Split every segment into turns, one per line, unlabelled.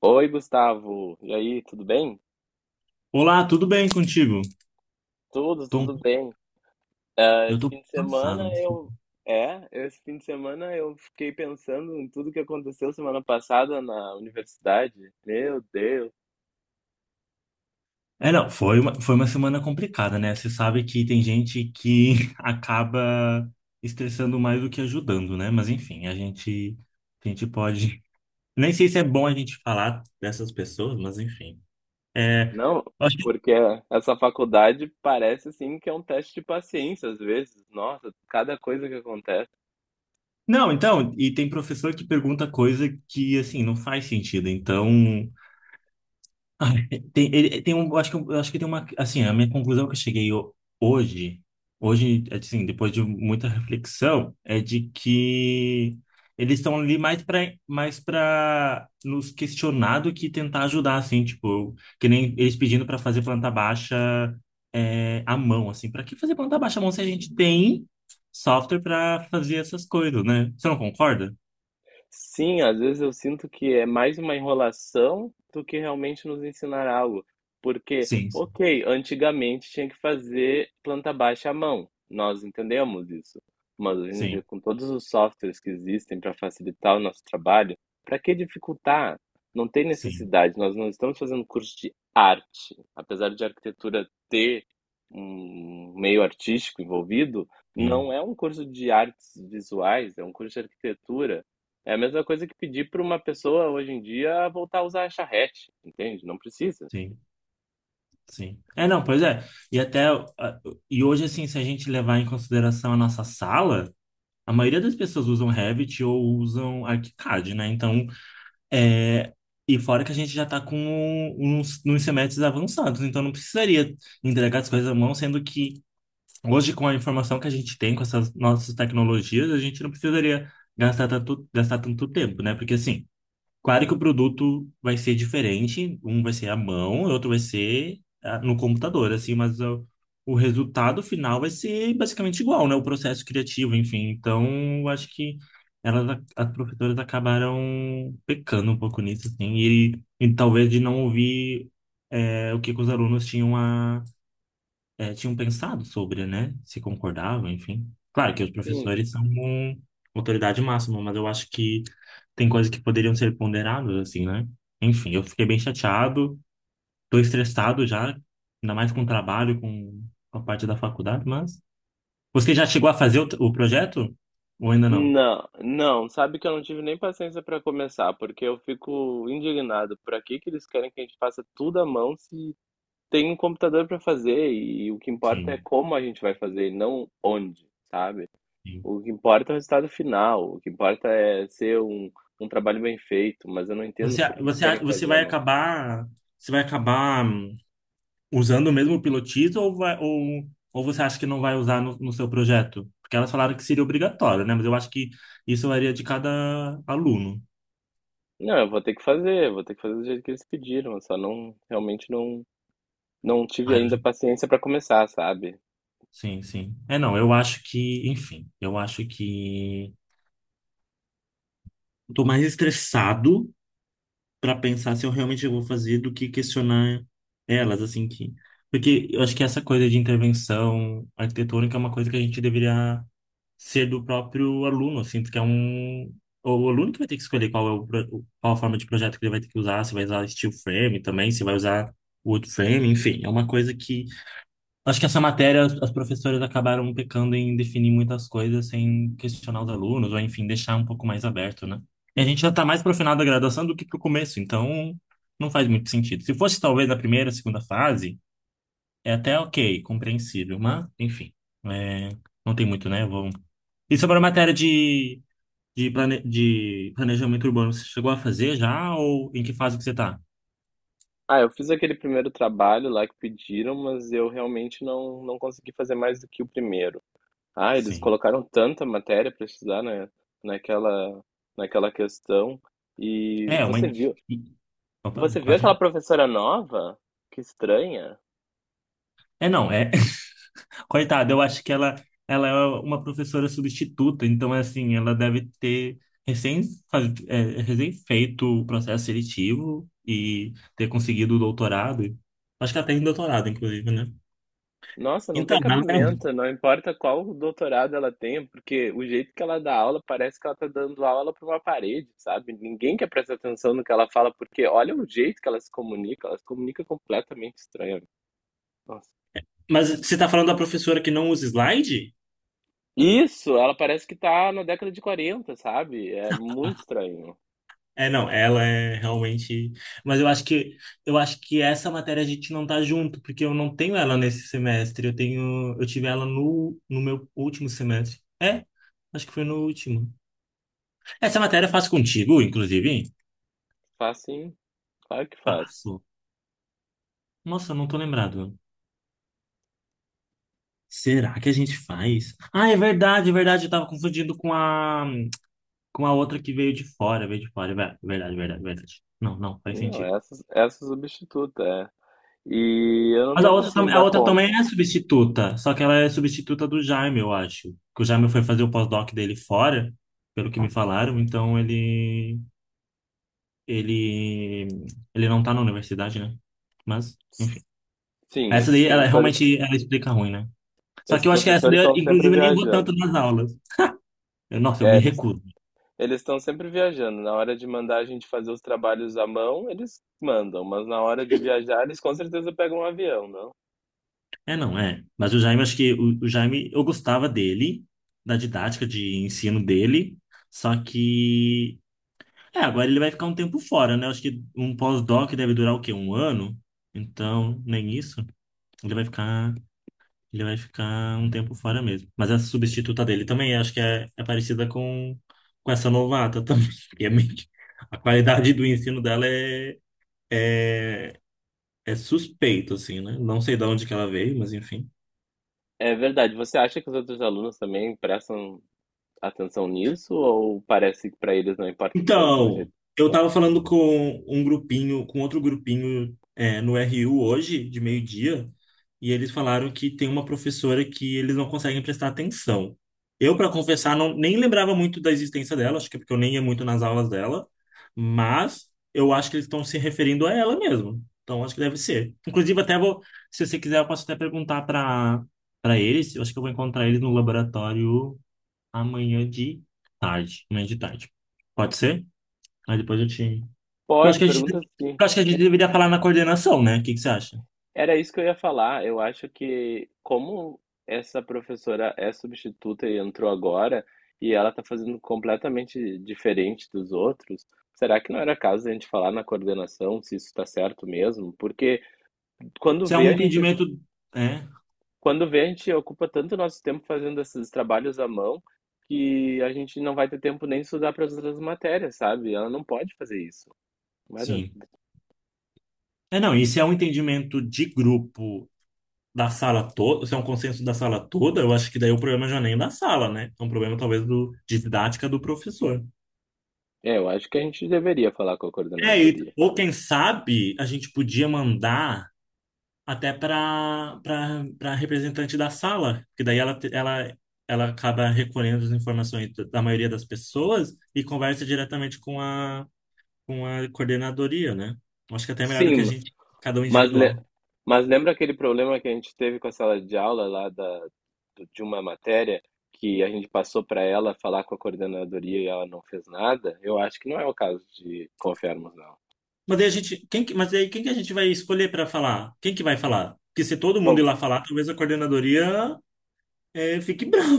Oi, Gustavo. E aí, tudo bem?
Olá, tudo bem contigo?
Tudo,
Tô-
tudo bem. Ah,
eu
esse
tô
fim de semana
cansado, mas...
eu. É, esse fim de semana eu fiquei pensando em tudo que aconteceu semana passada na universidade. Meu Deus.
É, não, foi uma semana complicada, né? Você sabe que tem gente que acaba estressando mais do que ajudando, né? Mas enfim, a gente pode... Nem sei se é bom a gente falar dessas pessoas, mas enfim. É.
Não,
acho que-
porque essa faculdade parece assim que é um teste de paciência às vezes. Nossa, cada coisa que acontece.
Não, então, e tem professor que pergunta coisa que, assim, não faz sentido. Então, ai, Tem, ele, tem um, eu acho que tem uma, assim, a minha conclusão que eu cheguei hoje, hoje, assim, depois de muita reflexão, é de que eles estão ali mais para nos questionar do que tentar ajudar, assim, tipo, que nem eles pedindo para fazer planta baixa, é, à mão, assim. Para que fazer planta baixa à mão se a gente tem software para fazer essas coisas, né? Você não concorda?
Sim, às vezes eu sinto que é mais uma enrolação do que realmente nos ensinar algo. Porque,
Sim,
ok, antigamente tinha que fazer planta baixa à mão, nós entendemos isso. Mas hoje em dia,
sim,
com todos os softwares que existem para facilitar o nosso trabalho, para que dificultar? Não tem
sim,
necessidade, nós não estamos fazendo curso de arte. Apesar de arquitetura ter um meio artístico envolvido, não
sim,
é um curso de artes visuais, é um curso de arquitetura. É a mesma coisa que pedir para uma pessoa hoje em dia voltar a usar a charrete, entende? Não precisa.
sim. Sim. É, não, pois é. E até ah, e hoje, assim, se a gente levar em consideração a nossa sala, a maioria das pessoas usam Revit ou usam ArchiCAD, né? É e fora que a gente já tá com um, uns, nos semestres avançados, então não precisaria entregar as coisas à mão, sendo que hoje, com a informação que a gente tem com essas nossas tecnologias, a gente não precisaria gastar tanto tempo, né? Porque assim, claro que o produto vai ser diferente, um vai ser à mão, o outro vai ser no computador, assim, mas o resultado final vai ser basicamente igual, né? O processo criativo, enfim. Então, eu acho que as professoras acabaram pecando um pouco nisso, assim, e talvez de não ouvir, o que que os alunos tinham, tinham pensado sobre, né? Se concordavam, enfim. Claro que os
Sim.
professores são uma autoridade máxima, mas eu acho que tem coisas que poderiam ser ponderadas, assim, né? Enfim, eu fiquei bem chateado, tô estressado já, ainda mais com o trabalho, com a parte da faculdade, mas... Você já chegou a fazer o projeto? Ou ainda não?
Não, não, sabe que eu não tive nem paciência para começar, porque eu fico indignado por aqui que eles querem que a gente faça tudo à mão se tem um computador para fazer e o que importa é
Sim,
como a gente vai fazer e não onde, sabe?
sim.
O que importa é o resultado final, o que importa é ser um trabalho bem feito, mas eu não entendo
Você,
por que
você,
querem
você
fazer à
vai
mão.
acabar... Você vai acabar, usando o mesmo pilotismo, ou, ou você acha que não vai usar no, no seu projeto? Porque elas falaram que seria obrigatório, né? Mas eu acho que isso varia de cada aluno.
Não, eu vou ter que fazer, vou ter que fazer do jeito que eles pediram, eu só não, realmente não tive
Ah,
ainda
eu-
paciência para começar, sabe?
sim, sim. É, não, eu acho que, enfim, eu acho que eu tô mais estressado para pensar se eu realmente vou fazer do que questionar elas, assim que. Porque eu acho que essa coisa de intervenção arquitetônica é uma coisa que a gente deveria ser do próprio aluno. Eu sinto que é um. O aluno que vai ter que escolher qual é qual a forma de projeto que ele vai ter que usar, se vai usar steel frame também, se vai usar wood frame, enfim, é uma coisa que, acho que essa matéria, as professoras acabaram pecando em definir muitas coisas sem questionar os alunos, ou enfim, deixar um pouco mais aberto, né? E a gente já tá mais pro final da graduação do que pro começo, então não faz muito sentido. Se fosse talvez na primeira, segunda fase, é até ok, compreensível, mas enfim, é, não tem muito, né? Vamos. E sobre a matéria de, de planejamento urbano, você chegou a fazer já, ou em que fase que você está?
Ah, eu fiz aquele primeiro trabalho lá que pediram, mas eu realmente não consegui fazer mais do que o primeiro. Ah, eles
Sim.
colocaram tanta matéria para estudar naquela naquela, questão. E
É, uma. I- Opa,
você viu aquela
pode.
professora nova? Que estranha.
É, não, é. Coitada, eu acho que ela é uma professora substituta, então, assim, ela deve ter recém, é, recém feito o processo seletivo e ter conseguido o doutorado. Acho que ela tem doutorado, inclusive, né?
Nossa, não
Então,
tem
ela- é,
cabimento, não importa qual doutorado ela tenha, porque o jeito que ela dá aula parece que ela tá dando aula para uma parede, sabe? Ninguém quer prestar atenção no que ela fala, porque olha o jeito que ela se comunica completamente estranha. Nossa.
mas você está falando da professora que não usa slide?
Isso, ela parece que tá na década de 40, sabe? É muito estranho.
É, não, ela é realmente. Mas eu acho que, eu acho que essa matéria a gente não tá junto, porque eu não tenho ela nesse semestre. Eu tenho, eu tive ela no, no meu último semestre. É, acho que foi no último. Essa matéria eu faço contigo, inclusive?
Faz sim, claro que faz.
Faço. Nossa, eu não tô lembrado. Será que a gente faz? Ah, é verdade, é verdade. Eu tava confundindo com a, com a outra que veio de fora, veio de fora. É verdade, verdade, verdade. Não, não, faz
Não,
sentido.
essa substituta, é. E eu não
Mas
tô
a outra,
conseguindo
a
dar
outra também
conta.
é substituta, só que ela é substituta do Jaime, eu acho. Que o Jaime foi fazer o pós-doc dele fora, pelo que me falaram, então ele ele não tá na universidade, né? Mas, enfim.
Sim,
Essa daí, ela realmente ela explica ruim, né? Só
esses
que eu acho que essa
professores
daí,
estão sempre
inclusive, eu nem vou
viajando.
tanto nas aulas. Eu, nossa, eu
É,
me
eles
recuso.
Eles estão sempre viajando. Na hora de mandar a gente fazer os trabalhos à mão, eles mandam, mas na hora de viajar, eles com certeza pegam um avião, não?
É, não, é. Mas o Jaime, acho que o Jaime, eu gostava dele, da didática de ensino dele, só que, é, agora ele vai ficar um tempo fora, né? Acho que um pós-doc deve durar o quê? Um ano? Então, nem isso. Ele vai ficar, ele vai ficar um tempo fora mesmo. Mas a substituta dele também acho que é, é parecida com essa novata também. E é meio que, a qualidade do ensino dela é, é, é suspeito, assim, né? Não sei de onde que ela veio, mas enfim.
É verdade. Você acha que os outros alunos também prestam atenção nisso ou parece que para eles não importa tanto o
Então,
jeito?
eu tava falando com um grupinho, com outro grupinho, é, no RU hoje, de meio-dia, e eles falaram que tem uma professora que eles não conseguem prestar atenção. Eu, para confessar, não, nem lembrava muito da existência dela, acho que é porque eu nem ia muito nas aulas dela, mas eu acho que eles estão se referindo a ela mesmo. Então, acho que deve ser. Inclusive, até vou, se você quiser, eu posso até perguntar para, para eles. Eu acho que eu vou encontrar eles no laboratório amanhã de tarde, amanhã de tarde. Pode ser? Aí depois eu te. Eu acho
Pode,
que a gente,
pergunta sim.
eu acho que a gente deveria falar na coordenação, né? O que que você acha?
Era isso que eu ia falar. Eu acho que como essa professora é substituta e entrou agora, e ela está fazendo completamente diferente dos outros, será que não era caso de a gente falar na coordenação se isso está certo mesmo? Porque quando
Se é
vê
um
a gente,
entendimento. É,
quando vê a gente ocupa tanto nosso tempo fazendo esses trabalhos à mão que a gente não vai ter tempo nem de estudar para as outras matérias, sabe? Ela não pode fazer isso. Mas,
sim. É, não, e se é um entendimento de grupo da sala toda, se é um consenso da sala toda, eu acho que daí o problema já nem é da sala, né? É um problema talvez do, de didática do professor.
eu acho que a gente deveria falar com a
É, e,
coordenadoria.
ou quem sabe a gente podia mandar, até para, para representante da sala, porque daí ela, ela, ela acaba recolhendo as informações da, da maioria das pessoas, e conversa diretamente com a coordenadoria, né? Acho que até é melhor do que a
Sim.
gente, cada um
Mas, le-
individual.
mas lembra aquele problema que a gente teve com a sala de aula lá de uma matéria que a gente passou para ela falar com a coordenadoria e ela não fez nada? Eu acho que não é o caso de confiarmos, não.
Mas aí a gente, mas aí quem que a gente vai escolher para falar? Quem que vai falar? Porque se todo mundo ir
Bom,
lá falar, talvez a coordenadoria, fique brava.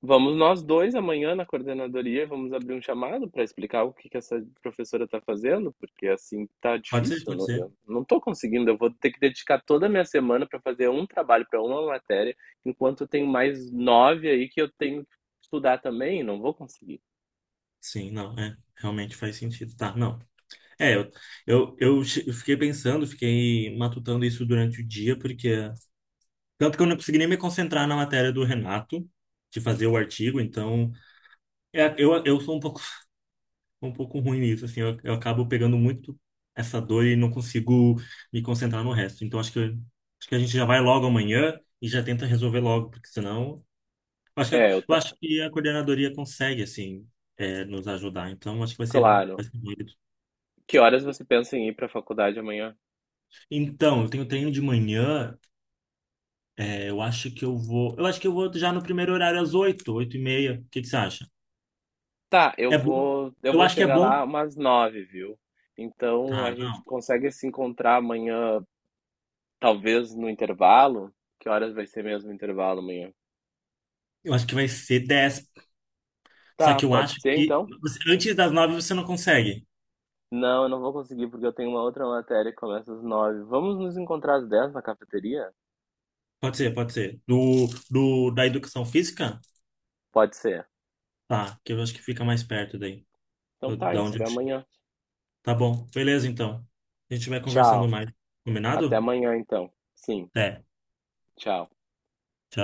vamos nós dois amanhã na coordenadoria, vamos abrir um chamado para explicar o que que essa professora está fazendo, porque assim tá
Pode ser,
difícil,
pode
não-
ser.
eu não estou conseguindo, eu vou ter que dedicar toda a minha semana para fazer um trabalho para uma matéria, enquanto eu tenho mais nove aí que eu tenho que estudar também, não vou conseguir.
Sim, não, é. Realmente faz sentido. Tá, não. É, eu fiquei pensando, fiquei matutando isso durante o dia, porque. Tanto que eu não consegui nem me concentrar na matéria do Renato, de fazer o artigo, então, é, eu sou um pouco, um pouco ruim nisso, assim, eu acabo pegando muito essa dor e não consigo me concentrar no resto. Então acho que a gente já vai logo amanhã e já tenta resolver logo, porque senão. Eu acho que a,
É, eu
eu
ta-
acho que a coordenadoria consegue, assim, é, nos ajudar, então acho que
Claro.
vai ser válido.
Que horas você pensa em ir para a faculdade amanhã?
Então, eu tenho treino de manhã. Eu acho que eu vou. Eu acho que eu vou já no primeiro horário, às 8h, 8h30. O que que você acha?
Tá,
É bom.
eu
Eu
vou
acho que é
chegar
bom.
lá umas 9h, viu? Então a
Ah,
gente
não.
consegue se encontrar amanhã, talvez no intervalo? Que horas vai ser mesmo o intervalo amanhã?
Eu acho que vai ser 10h. Só
Tá,
que eu
pode
acho
ser
que
então?
você, antes das 9h você não consegue.
Não, eu não vou conseguir porque eu tenho uma outra matéria que começa às 9h. Vamos nos encontrar às 10h na cafeteria?
Pode ser, pode ser. Do, do da educação física?
Pode ser.
Tá, que eu acho que fica mais perto daí,
Então tá, a
da
gente se
onde
vê
eu chego.
amanhã.
Tá bom, beleza então. A gente vai conversando
Tchau.
mais.
Até
Combinado?
amanhã então. Sim,
Até.
tchau.
Tchau.